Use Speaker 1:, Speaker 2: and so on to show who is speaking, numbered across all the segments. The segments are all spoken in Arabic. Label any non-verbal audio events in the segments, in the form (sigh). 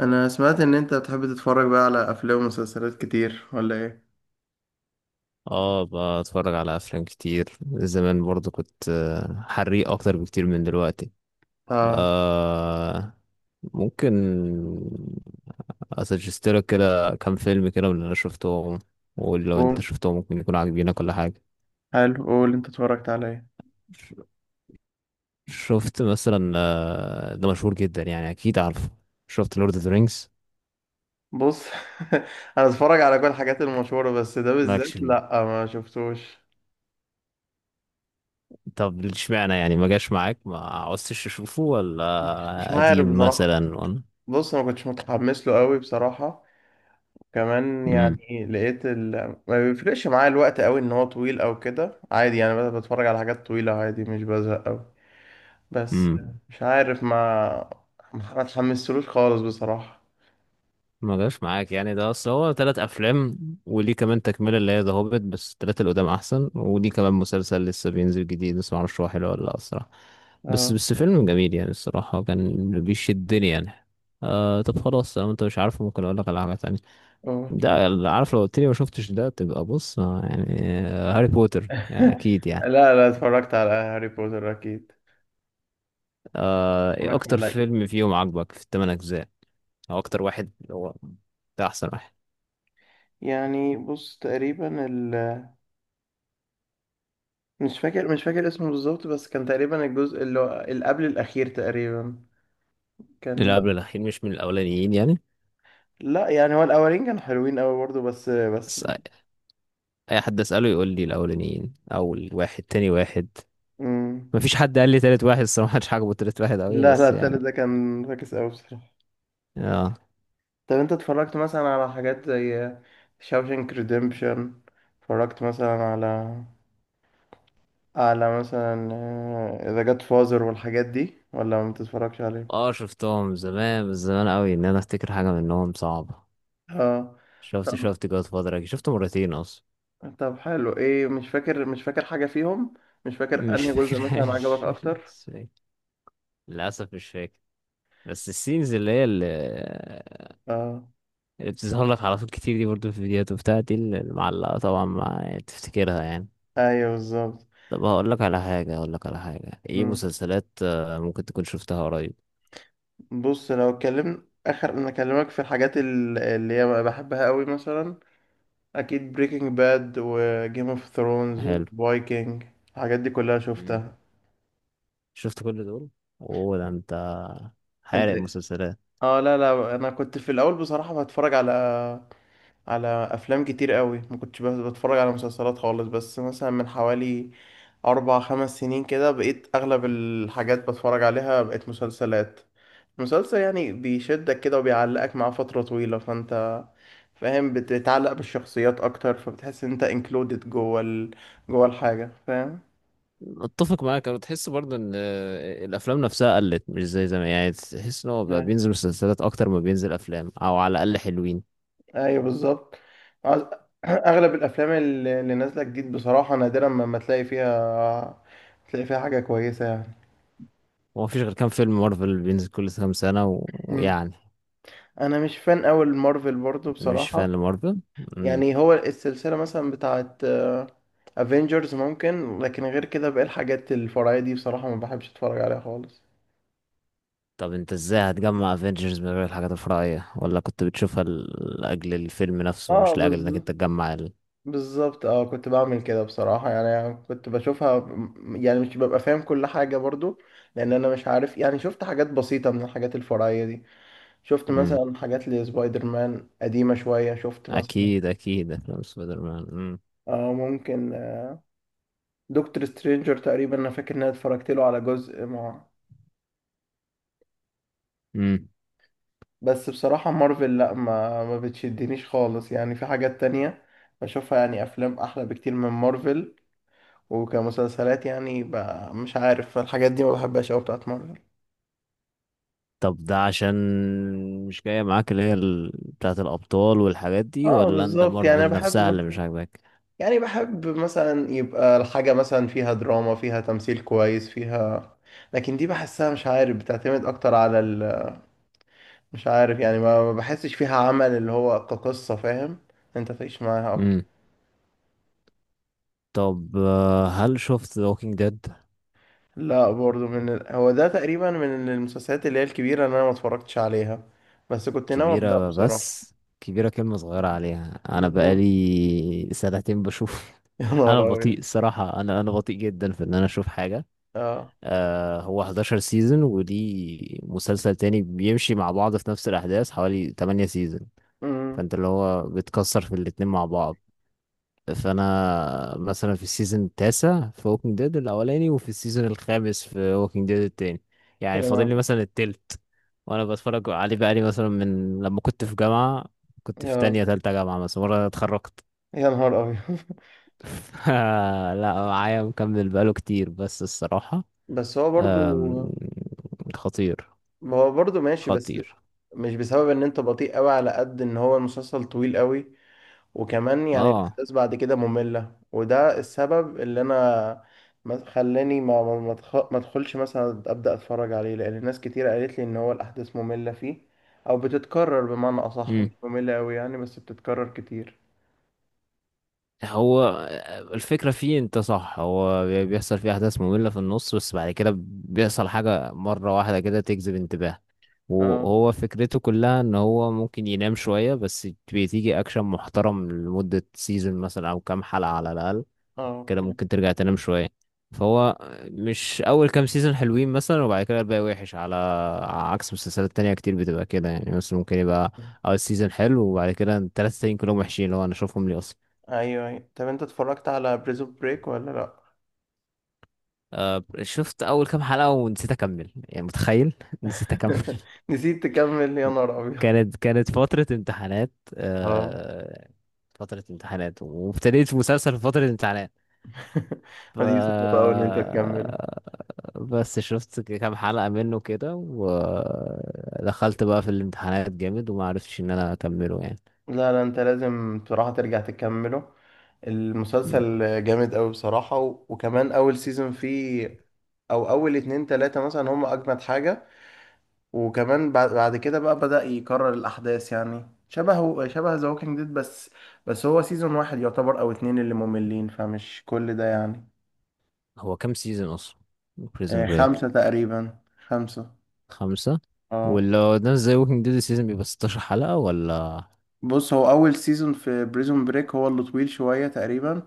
Speaker 1: انا سمعت ان انت بتحب تتفرج بقى على افلام ومسلسلات كتير ولا ايه؟
Speaker 2: اه، بتفرج على افلام كتير. زمان برضو كنت حريق اكتر بكتير من دلوقتي.
Speaker 1: اه.
Speaker 2: آه، ممكن اسجستلك كده كام فيلم كده من اللي انا شفتهم، ولو انت
Speaker 1: قول.
Speaker 2: شفتهم ممكن يكون عاجبينك ولا حاجه.
Speaker 1: حلو، قول انت اتفرجت على ايه؟
Speaker 2: ش- شفت مثلا، ده مشهور جدا، يعني اكيد عارفه. شفت لورد اوف ذا رينجز.
Speaker 1: بص، (laughs) انا اتفرج على كل الحاجات المشهوره، بس ده
Speaker 2: مالكش
Speaker 1: بالذات
Speaker 2: فيه؟
Speaker 1: لا، ما شفتوش.
Speaker 2: طب اشمعنى يعني؟ ما جاش معاك؟ ما عوزتش تشوفه،
Speaker 1: مش
Speaker 2: ولا
Speaker 1: عارف
Speaker 2: قديم
Speaker 1: بصراحه.
Speaker 2: مثلا، ولا...
Speaker 1: بص، ما كنتش متحمس له قوي بصراحه. كمان يعني لقيت ال... ما بيفرقش معايا الوقت قوي ان هو طويل او كده، عادي يعني، بس بتفرج على حاجات طويله عادي، مش بزهق قوي. بس.
Speaker 2: امم.
Speaker 1: مش عارف، ما اتحمستلوش خالص بصراحه.
Speaker 2: ما جاش معاك يعني؟ ده اصل هو تلات افلام، وليه كمان تكمله اللي هي ذا هوبيت، بس التلاتة اللي قدام احسن. وليه كمان مسلسل لسه بينزل جديد، بس معرفش هو حلو ولا لا الصراحه. بس
Speaker 1: اه،
Speaker 2: بس فيلم جميل يعني الصراحه، كان بيشدني يعني. طب خلاص، لو انت مش عارفه ممكن اقول لك على حاجه تانية.
Speaker 1: اه.
Speaker 2: ده اللي عارف، لو قلت لي ما شفتش ده تبقى بص، يعني، هاري بوتر يعني
Speaker 1: (laughs)
Speaker 2: اكيد يعني.
Speaker 1: لا لا، اتفرجت على هاري بوتر اكيد.
Speaker 2: ايه
Speaker 1: اتفرجت على،
Speaker 2: اكتر فيلم فيهم عجبك في الثمان اجزاء؟ او اكتر واحد اللي هو ده احسن واحد.
Speaker 1: يعني بص تقريبا ال... مش فاكر اسمه بالظبط، بس كان تقريبا الجزء اللي هو اللي قبل الأخير تقريبا. كان...
Speaker 2: اللي قبل الاخير مش من الاولانيين يعني؟
Speaker 1: لا، يعني هو الأولين كانوا حلوين أوي برضه، بس
Speaker 2: بس.
Speaker 1: مش...
Speaker 2: اي حد اساله يقول لي الاولانيين او الواحد، تاني واحد.
Speaker 1: مم.
Speaker 2: مفيش حد قال لي تالت واحد الصراحه، مش عاجبه تالت واحد قوي
Speaker 1: لا لا،
Speaker 2: بس
Speaker 1: التالت
Speaker 2: يعني.
Speaker 1: ده كان فاكس أوي بصراحة.
Speaker 2: اه،
Speaker 1: طب أنت اتفرجت مثلا على حاجات زي شاوشنك ريديمبشن؟ اتفرجت مثلا على مثلا ذا جاد فازر والحاجات دي ولا ما بتتفرجش؟
Speaker 2: اه، شفتهم زمان، بس زمان قوي ان انا افتكر حاجه منهم صعبه.
Speaker 1: اه.
Speaker 2: شفت
Speaker 1: طب
Speaker 2: شفت جود فادر، شفته مرتين اصلا.
Speaker 1: طب حلو، ايه؟ مش فاكر حاجة فيهم. مش فاكر
Speaker 2: مش
Speaker 1: انهي جزء مثلا عجبك
Speaker 2: فاكرهاش. (laughs)
Speaker 1: اكتر.
Speaker 2: مش فاكر. للاسف مش فاكر. بس السينز اللي هي اللي,
Speaker 1: اه،
Speaker 2: اللي بتظهر لك على طول كتير دي، برضو في الفيديوهات وبتاع، دي المعلقه طبعا ما تفتكرها يعني.
Speaker 1: ايوه بالظبط.
Speaker 2: طب هقول لك على حاجه، ايه
Speaker 1: مم.
Speaker 2: مسلسلات ممكن تكون شفتها قريب.
Speaker 1: بص، لو اتكلمنا اخر انا اكلمك في الحاجات اللي هي بقى بحبها قوي، مثلا اكيد بريكنج باد وجيم اوف ثرونز
Speaker 2: حلو.
Speaker 1: وفايكنج. الحاجات دي كلها
Speaker 2: مم.
Speaker 1: شفتها.
Speaker 2: شفت كل دول. اوه، ده انت
Speaker 1: انت
Speaker 2: حارق
Speaker 1: إيه؟
Speaker 2: مسلسلات!
Speaker 1: اه، لا لا، انا كنت في الاول بصراحة بتفرج على افلام كتير قوي. ما كنتش بس بتفرج على مسلسلات خالص، بس مثلا من حوالي 4 5 سنين كده بقيت اغلب الحاجات بتفرج عليها بقت مسلسلات. مسلسل يعني بيشدك كده وبيعلقك معاه فترة طويلة، فانت فاهم، بتتعلق بالشخصيات اكتر فبتحس ان انت انكلودed جوه ال... جوه الحاجة، فاهم.
Speaker 2: اتفق معاك، انا تحس برضه ان الافلام نفسها قلت مش زي زمان يعني. تحس ان هو بقى
Speaker 1: آه.
Speaker 2: بينزل مسلسلات اكتر ما بينزل افلام، او على الاقل حلوين.
Speaker 1: ايوه بالظبط. عاوز- (clears throat) اغلب الافلام اللي نازلة جديد بصراحة نادرا ما تلاقي فيها، تلاقي فيها حاجة كويسة.
Speaker 2: هو مفيش غير كام فيلم مارفل بينزل كل كام سنه
Speaker 1: يعني
Speaker 2: ويعني...
Speaker 1: انا مش فان قوي المارفل برضو
Speaker 2: مش
Speaker 1: بصراحة.
Speaker 2: فان لمارفل. مم.
Speaker 1: يعني هو السلسلة مثلا بتاعت افنجرز ممكن، لكن غير كده باقي الحاجات الفرعية دي بصراحة ما بحبش اتفرج عليها خالص.
Speaker 2: طب انت ازاي هتجمع افنجرز من غير الحاجات الفرعيه؟ ولا كنت بتشوفها لاجل الفيلم نفسه،
Speaker 1: اه
Speaker 2: مش لاجل انك انت
Speaker 1: بالظبط
Speaker 2: تجمع.
Speaker 1: بالظبط. اه كنت بعمل كده بصراحة، يعني كنت بشوفها يعني مش ببقى فاهم كل حاجة برضو. لان انا مش عارف يعني، شفت حاجات بسيطة من الحاجات الفرعية دي. شفت
Speaker 2: مم.
Speaker 1: مثلا حاجات لسبايدر مان قديمة شوية، شفت مثلا
Speaker 2: اكيد اكيد افلام سبايدر مان. مم.
Speaker 1: اه ممكن، دكتور سترينجر تقريبا انا فاكر ان انا اتفرجت له على جزء، مع
Speaker 2: مم.
Speaker 1: بس بصراحة مارفل لا، ما بتشدنيش خالص يعني. في حاجات تانية بشوفها يعني، أفلام أحلى بكتير من مارفل. وكمسلسلات يعني مش عارف، الحاجات دي ما بحبهاش أوي بتاعت مارفل.
Speaker 2: طب ده عشان مش جاية معاك اللي هي بتاعة الأبطال والحاجات دي؟
Speaker 1: اه
Speaker 2: ولا أنت
Speaker 1: بالظبط، يعني أنا
Speaker 2: مارفل
Speaker 1: بحب
Speaker 2: نفسها
Speaker 1: مثلا،
Speaker 2: اللي مش عاجباك؟
Speaker 1: يعني بحب مثلا يبقى الحاجة مثلا فيها دراما، فيها تمثيل كويس، فيها... لكن دي بحسها مش عارف، بتعتمد أكتر على ال... مش عارف يعني ما بحسش فيها عمل اللي هو كقصة، فاهم، أنت تعيش معاها أكتر.
Speaker 2: امم. طب، هل شفت ووكينج ديد؟
Speaker 1: لا، برضو من ال... هو ده تقريبا من المسلسلات اللي هي الكبيرة اللي انا ما اتفرجتش عليها، بس كنت ناوي ابدأ
Speaker 2: كبيرة
Speaker 1: بصراحة.
Speaker 2: بس؟ كبيرة كلمة صغيرة عليها، أنا
Speaker 1: بالظبط.
Speaker 2: بقالي سنتين بشوف.
Speaker 1: (laughs) يا
Speaker 2: (laughs) أنا
Speaker 1: نهار
Speaker 2: بطيء
Speaker 1: ابيض.
Speaker 2: الصراحة، أنا بطيء جدا في إن أنا أشوف حاجة.
Speaker 1: اه.
Speaker 2: هو 11 سيزون، ودي مسلسل تاني بيمشي مع بعض في نفس الأحداث حوالي 8 سيزون.
Speaker 1: امم
Speaker 2: فأنت اللي هو بتكسر في الاتنين مع بعض. فانا مثلا في السيزون التاسع في ووكينج ديد الاولاني، وفي السيزون الخامس في ووكينج ديد التاني.
Speaker 1: يا
Speaker 2: يعني فاضل لي
Speaker 1: نهار،
Speaker 2: مثلا التلت. وانا بتفرج عليه بقالي مثلا من لما كنت في جامعة، كنت في
Speaker 1: يا
Speaker 2: تانية تالتة جامعة، مثلا مرة أنا اتخرجت.
Speaker 1: يا نهار ابيض. (laughs)
Speaker 2: (laughs) ف- لا، معايا مكمل بقاله كتير بس الصراحة
Speaker 1: بس هو
Speaker 2: أم،
Speaker 1: برضو.
Speaker 2: خطير.
Speaker 1: ما هو برضو ماشي، بس
Speaker 2: خطير.
Speaker 1: مش بسبب ان انت بطيء قوي على قد ان هو المسلسل طويل قوي، وكمان يعني
Speaker 2: اه،
Speaker 1: الأحداث بعد كده مملة، وده السبب اللي أنا خلاني ما أدخلش مثلا أبدأ أتفرج عليه، لأن ناس كتير قالت لي إن هو الأحداث مملة فيه، أو بتتكرر بمعنى أصح، مش مملة أوي يعني بس بتتكرر كتير.
Speaker 2: هو الفكرة فيه انت صح، هو بيحصل فيه احداث مملة في النص، بس بعد كده بيحصل حاجة مرة واحدة كده تجذب انتباه.
Speaker 1: اه.
Speaker 2: وهو فكرته كلها ان هو ممكن ينام شوية، بس بتيجي اكشن محترم لمدة سيزون مثلا او كام حلقة على الاقل.
Speaker 1: اه
Speaker 2: كده
Speaker 1: اوكي.
Speaker 2: ممكن ترجع تنام شوية. فهو مش اول كام سيزون حلوين مثلا وبعد كده الباقي وحش، على عكس مسلسلات تانية كتير بتبقى كده يعني، مثلا ممكن يبقى اول سيزون حلو وبعد كده التلاتة التانيين كلهم وحشين، اللي هو انا اشوفهم ليه اصلا؟
Speaker 1: ايوه أيوة. طب انت اتفرجت على بريزون بريك ولا لا؟
Speaker 2: شفت اول كام حلقة ونسيت اكمل يعني، متخيل! (laughs) نسيت اكمل.
Speaker 1: (laughs) نسيت تكمل، يا نهار ابيض.
Speaker 2: كانت فترة امتحانات،
Speaker 1: اه.
Speaker 2: آه، فترة امتحانات، وابتديت في مسلسل في فترة امتحانات ف...
Speaker 1: (laughs) دي صعبة أوي إن أنت تكمله.
Speaker 2: بس شفت كام حلقة منه كده، ودخلت بقى في الامتحانات جامد، وما عرفتش ان انا اكمله يعني.
Speaker 1: لا لا، انت لازم بصراحة ترجع تكمله،
Speaker 2: مم.
Speaker 1: المسلسل جامد قوي بصراحة. و... وكمان اول سيزون فيه، او اول اتنين تلاتة مثلا هم اجمد حاجة. وكمان بعد كده بقى بدأ يكرر الاحداث، يعني شبه شبه ذا ووكينج ديد، بس هو سيزون واحد يعتبر او اتنين اللي مملين، فمش كل ده يعني.
Speaker 2: هو كام سيزون اصلا بريزن بريك؟
Speaker 1: خمسة تقريبا. خمسة.
Speaker 2: خمسة؟
Speaker 1: اه.
Speaker 2: ولا ناس زي ووكينج ديد السيزون بيبقى 16 حلقة؟ ولا...
Speaker 1: بص هو اول سيزون في بريزون بريك هو اللي طويل شوية، تقريبا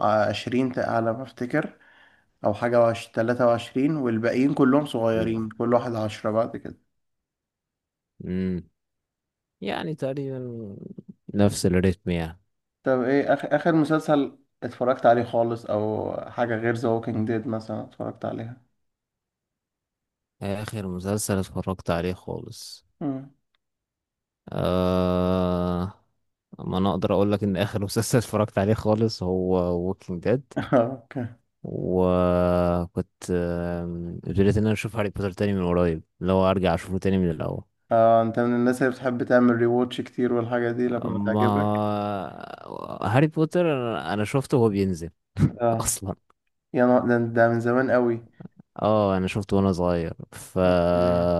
Speaker 1: 20 على ما افتكر، او حاجة 23، والباقيين كلهم صغيرين، كل واحد 10 بعد كده.
Speaker 2: اوف. يعني تقريبا نفس الريتم يعني.
Speaker 1: طب ايه اخر مسلسل اتفرجت عليه خالص او حاجة غير ذا ووكينج ديد مثلا اتفرجت عليها؟
Speaker 2: آخر مسلسل اتفرجت عليه خالص.
Speaker 1: مم.
Speaker 2: آه... ما أنا أقدر أقول لك إن آخر مسلسل (laughs) اتفرجت عليه خالص هو Walking Dead.
Speaker 1: (laughs) اوكي.
Speaker 2: وكنت ابتديت إن أنا أشوف هاري بوتر تاني من قريب، لو أرجع أشوفه تاني من الأول.
Speaker 1: اه انت من الناس اللي بتحب تعمل ريواتش كتير والحاجة دي لما
Speaker 2: أما
Speaker 1: تعجبك.
Speaker 2: هاري بوتر، أنا شفته وهو بينزل (laughs)
Speaker 1: اه.
Speaker 2: أصلا.
Speaker 1: يا نهار ده من زمان قوي.
Speaker 2: اه، أنا شفته وأنا صغير.
Speaker 1: اوكي.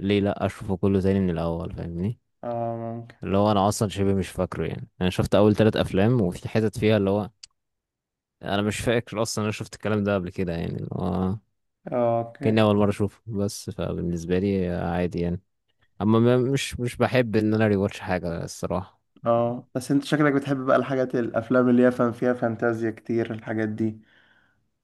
Speaker 2: ليه لأ أشوفه كله تاني من الأول، فاهمني؟
Speaker 1: اه ممكن.
Speaker 2: اللي هو انا اصلا شبه مش فاكره يعني، انا شفت اول ثلاث افلام وفي حتت فيها اللي هو انا مش فاكر اصلا انا شفت الكلام ده قبل كده يعني، اللي هو
Speaker 1: اه اوكي.
Speaker 2: كأني اول مره اشوفه، بس فبالنسبه لي عادي يعني. اما مش بحب ان انا ريواتش حاجه الصراحه.
Speaker 1: اه بس انت شكلك بتحب بقى الحاجات، الافلام اللي هي فان فيها فانتازيا كتير الحاجات دي،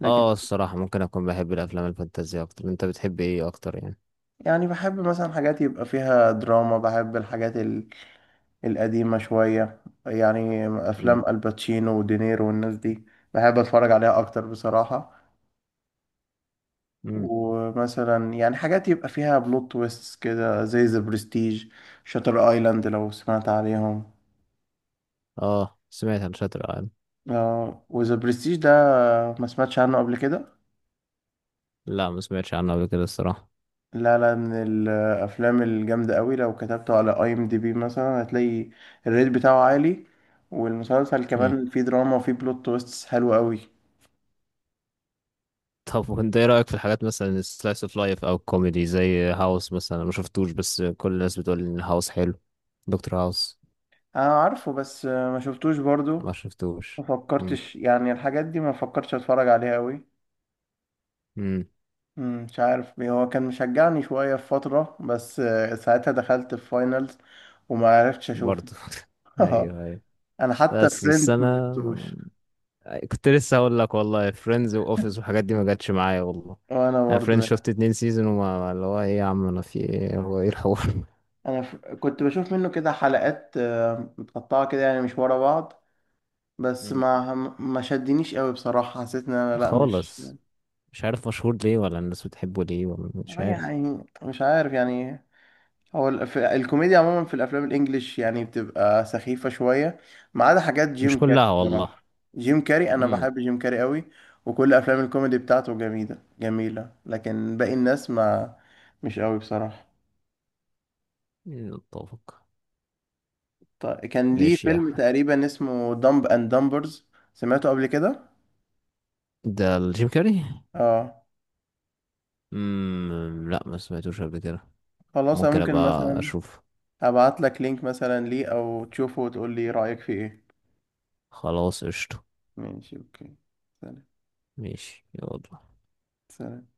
Speaker 1: لكن...
Speaker 2: اه، الصراحه ممكن اكون بحب الافلام الفانتازيه اكتر. انت بتحب ايه اكتر يعني؟
Speaker 1: يعني بحب مثلا حاجات يبقى فيها دراما، بحب الحاجات القديمة شوية، يعني
Speaker 2: امم.
Speaker 1: أفلام الباتشينو ودينيرو والناس دي بحب أتفرج عليها أكتر بصراحة.
Speaker 2: امم.
Speaker 1: ومثلا يعني حاجات يبقى فيها بلوت تويست كده، زي ذا برستيج، شاتر ايلاند، لو سمعت عليهم.
Speaker 2: اه، سمعت عن شاتر ايلاند.
Speaker 1: آه، وذا برستيج ده ما سمعتش عنه قبل كده؟
Speaker 2: لا، ما سمعتش عنه قبل كده الصراحه.
Speaker 1: لا لا، من الافلام الجامده قوي، لو كتبته على IMDB مثلا هتلاقي الريت بتاعه عالي، والمسلسل كمان فيه دراما وفيه بلوت تويستس حلو قوي.
Speaker 2: طب وانت ايه رأيك في الحاجات مثلا السلايس اوف لايف او الكوميدي زي هاوس؟ مثلا انا ما شفتوش، بس كل الناس بتقول ان هاوس حلو. دكتور هاوس.
Speaker 1: انا عارفه بس ما شفتوش برضو.
Speaker 2: ما
Speaker 1: ما
Speaker 2: شفتوش. امم.
Speaker 1: فكرتش يعني الحاجات دي ما فكرتش اتفرج عليها قوي.
Speaker 2: امم.
Speaker 1: مش عارف، هو كان مشجعني شويه في فتره، بس ساعتها دخلت في فاينلز وما عرفتش اشوفه.
Speaker 2: برضه. (laughs)
Speaker 1: (laughs)
Speaker 2: ايوه، ايوه.
Speaker 1: انا حتى
Speaker 2: بس
Speaker 1: فريندز ما
Speaker 2: انا
Speaker 1: شفتوش.
Speaker 2: كنت لسه هقول لك والله، فريندز واوفيس والحاجات دي ما جاتش معايا والله.
Speaker 1: وانا
Speaker 2: انا فريندز
Speaker 1: برضو.
Speaker 2: شفت اتنين سيزون، وما اللي هو ايه يا عم، انا في ايه؟ هو ايه الحوار؟
Speaker 1: انا كنت بشوف منه كده حلقات متقطعه كده، يعني مش ورا بعض،
Speaker 2: (laughs)
Speaker 1: بس
Speaker 2: مم.
Speaker 1: ما شدنيش قوي بصراحه. حسيت ان انا لا، مش...
Speaker 2: خالص. مش عارف مشهور ليه ولا الناس بتحبه ليه، ولا مش عارف.
Speaker 1: يعني مش عارف، يعني هو الكوميديا عموما في الافلام الانجليش يعني بتبقى سخيفه شويه، ما عدا حاجات
Speaker 2: مش
Speaker 1: جيم كاري
Speaker 2: كلها والله.
Speaker 1: بصراحه. جيم كاري، انا
Speaker 2: امم.
Speaker 1: بحب جيم كاري قوي. وكل افلام الكوميدي بتاعته جميله جميله، لكن باقي الناس ما... مش قوي بصراحه.
Speaker 2: نتفق.
Speaker 1: طيب، كان ليه
Speaker 2: ماشي يا.
Speaker 1: فيلم تقريبا اسمه دمب اند دمبرز، سمعته قبل كده؟
Speaker 2: ده الجيم كاري.
Speaker 1: اه.
Speaker 2: امم، لا ما سمعتوش قبل كده.
Speaker 1: خلاص، انا
Speaker 2: ممكن
Speaker 1: ممكن
Speaker 2: ابقى
Speaker 1: مثلا
Speaker 2: اشوف.
Speaker 1: ابعت لك لينك مثلا ليه، او تشوفه وتقول لي رأيك فيه ايه.
Speaker 2: خلاص قشطة.
Speaker 1: ماشي، اوكي. سلام.
Speaker 2: ماشي يلا.
Speaker 1: سلام.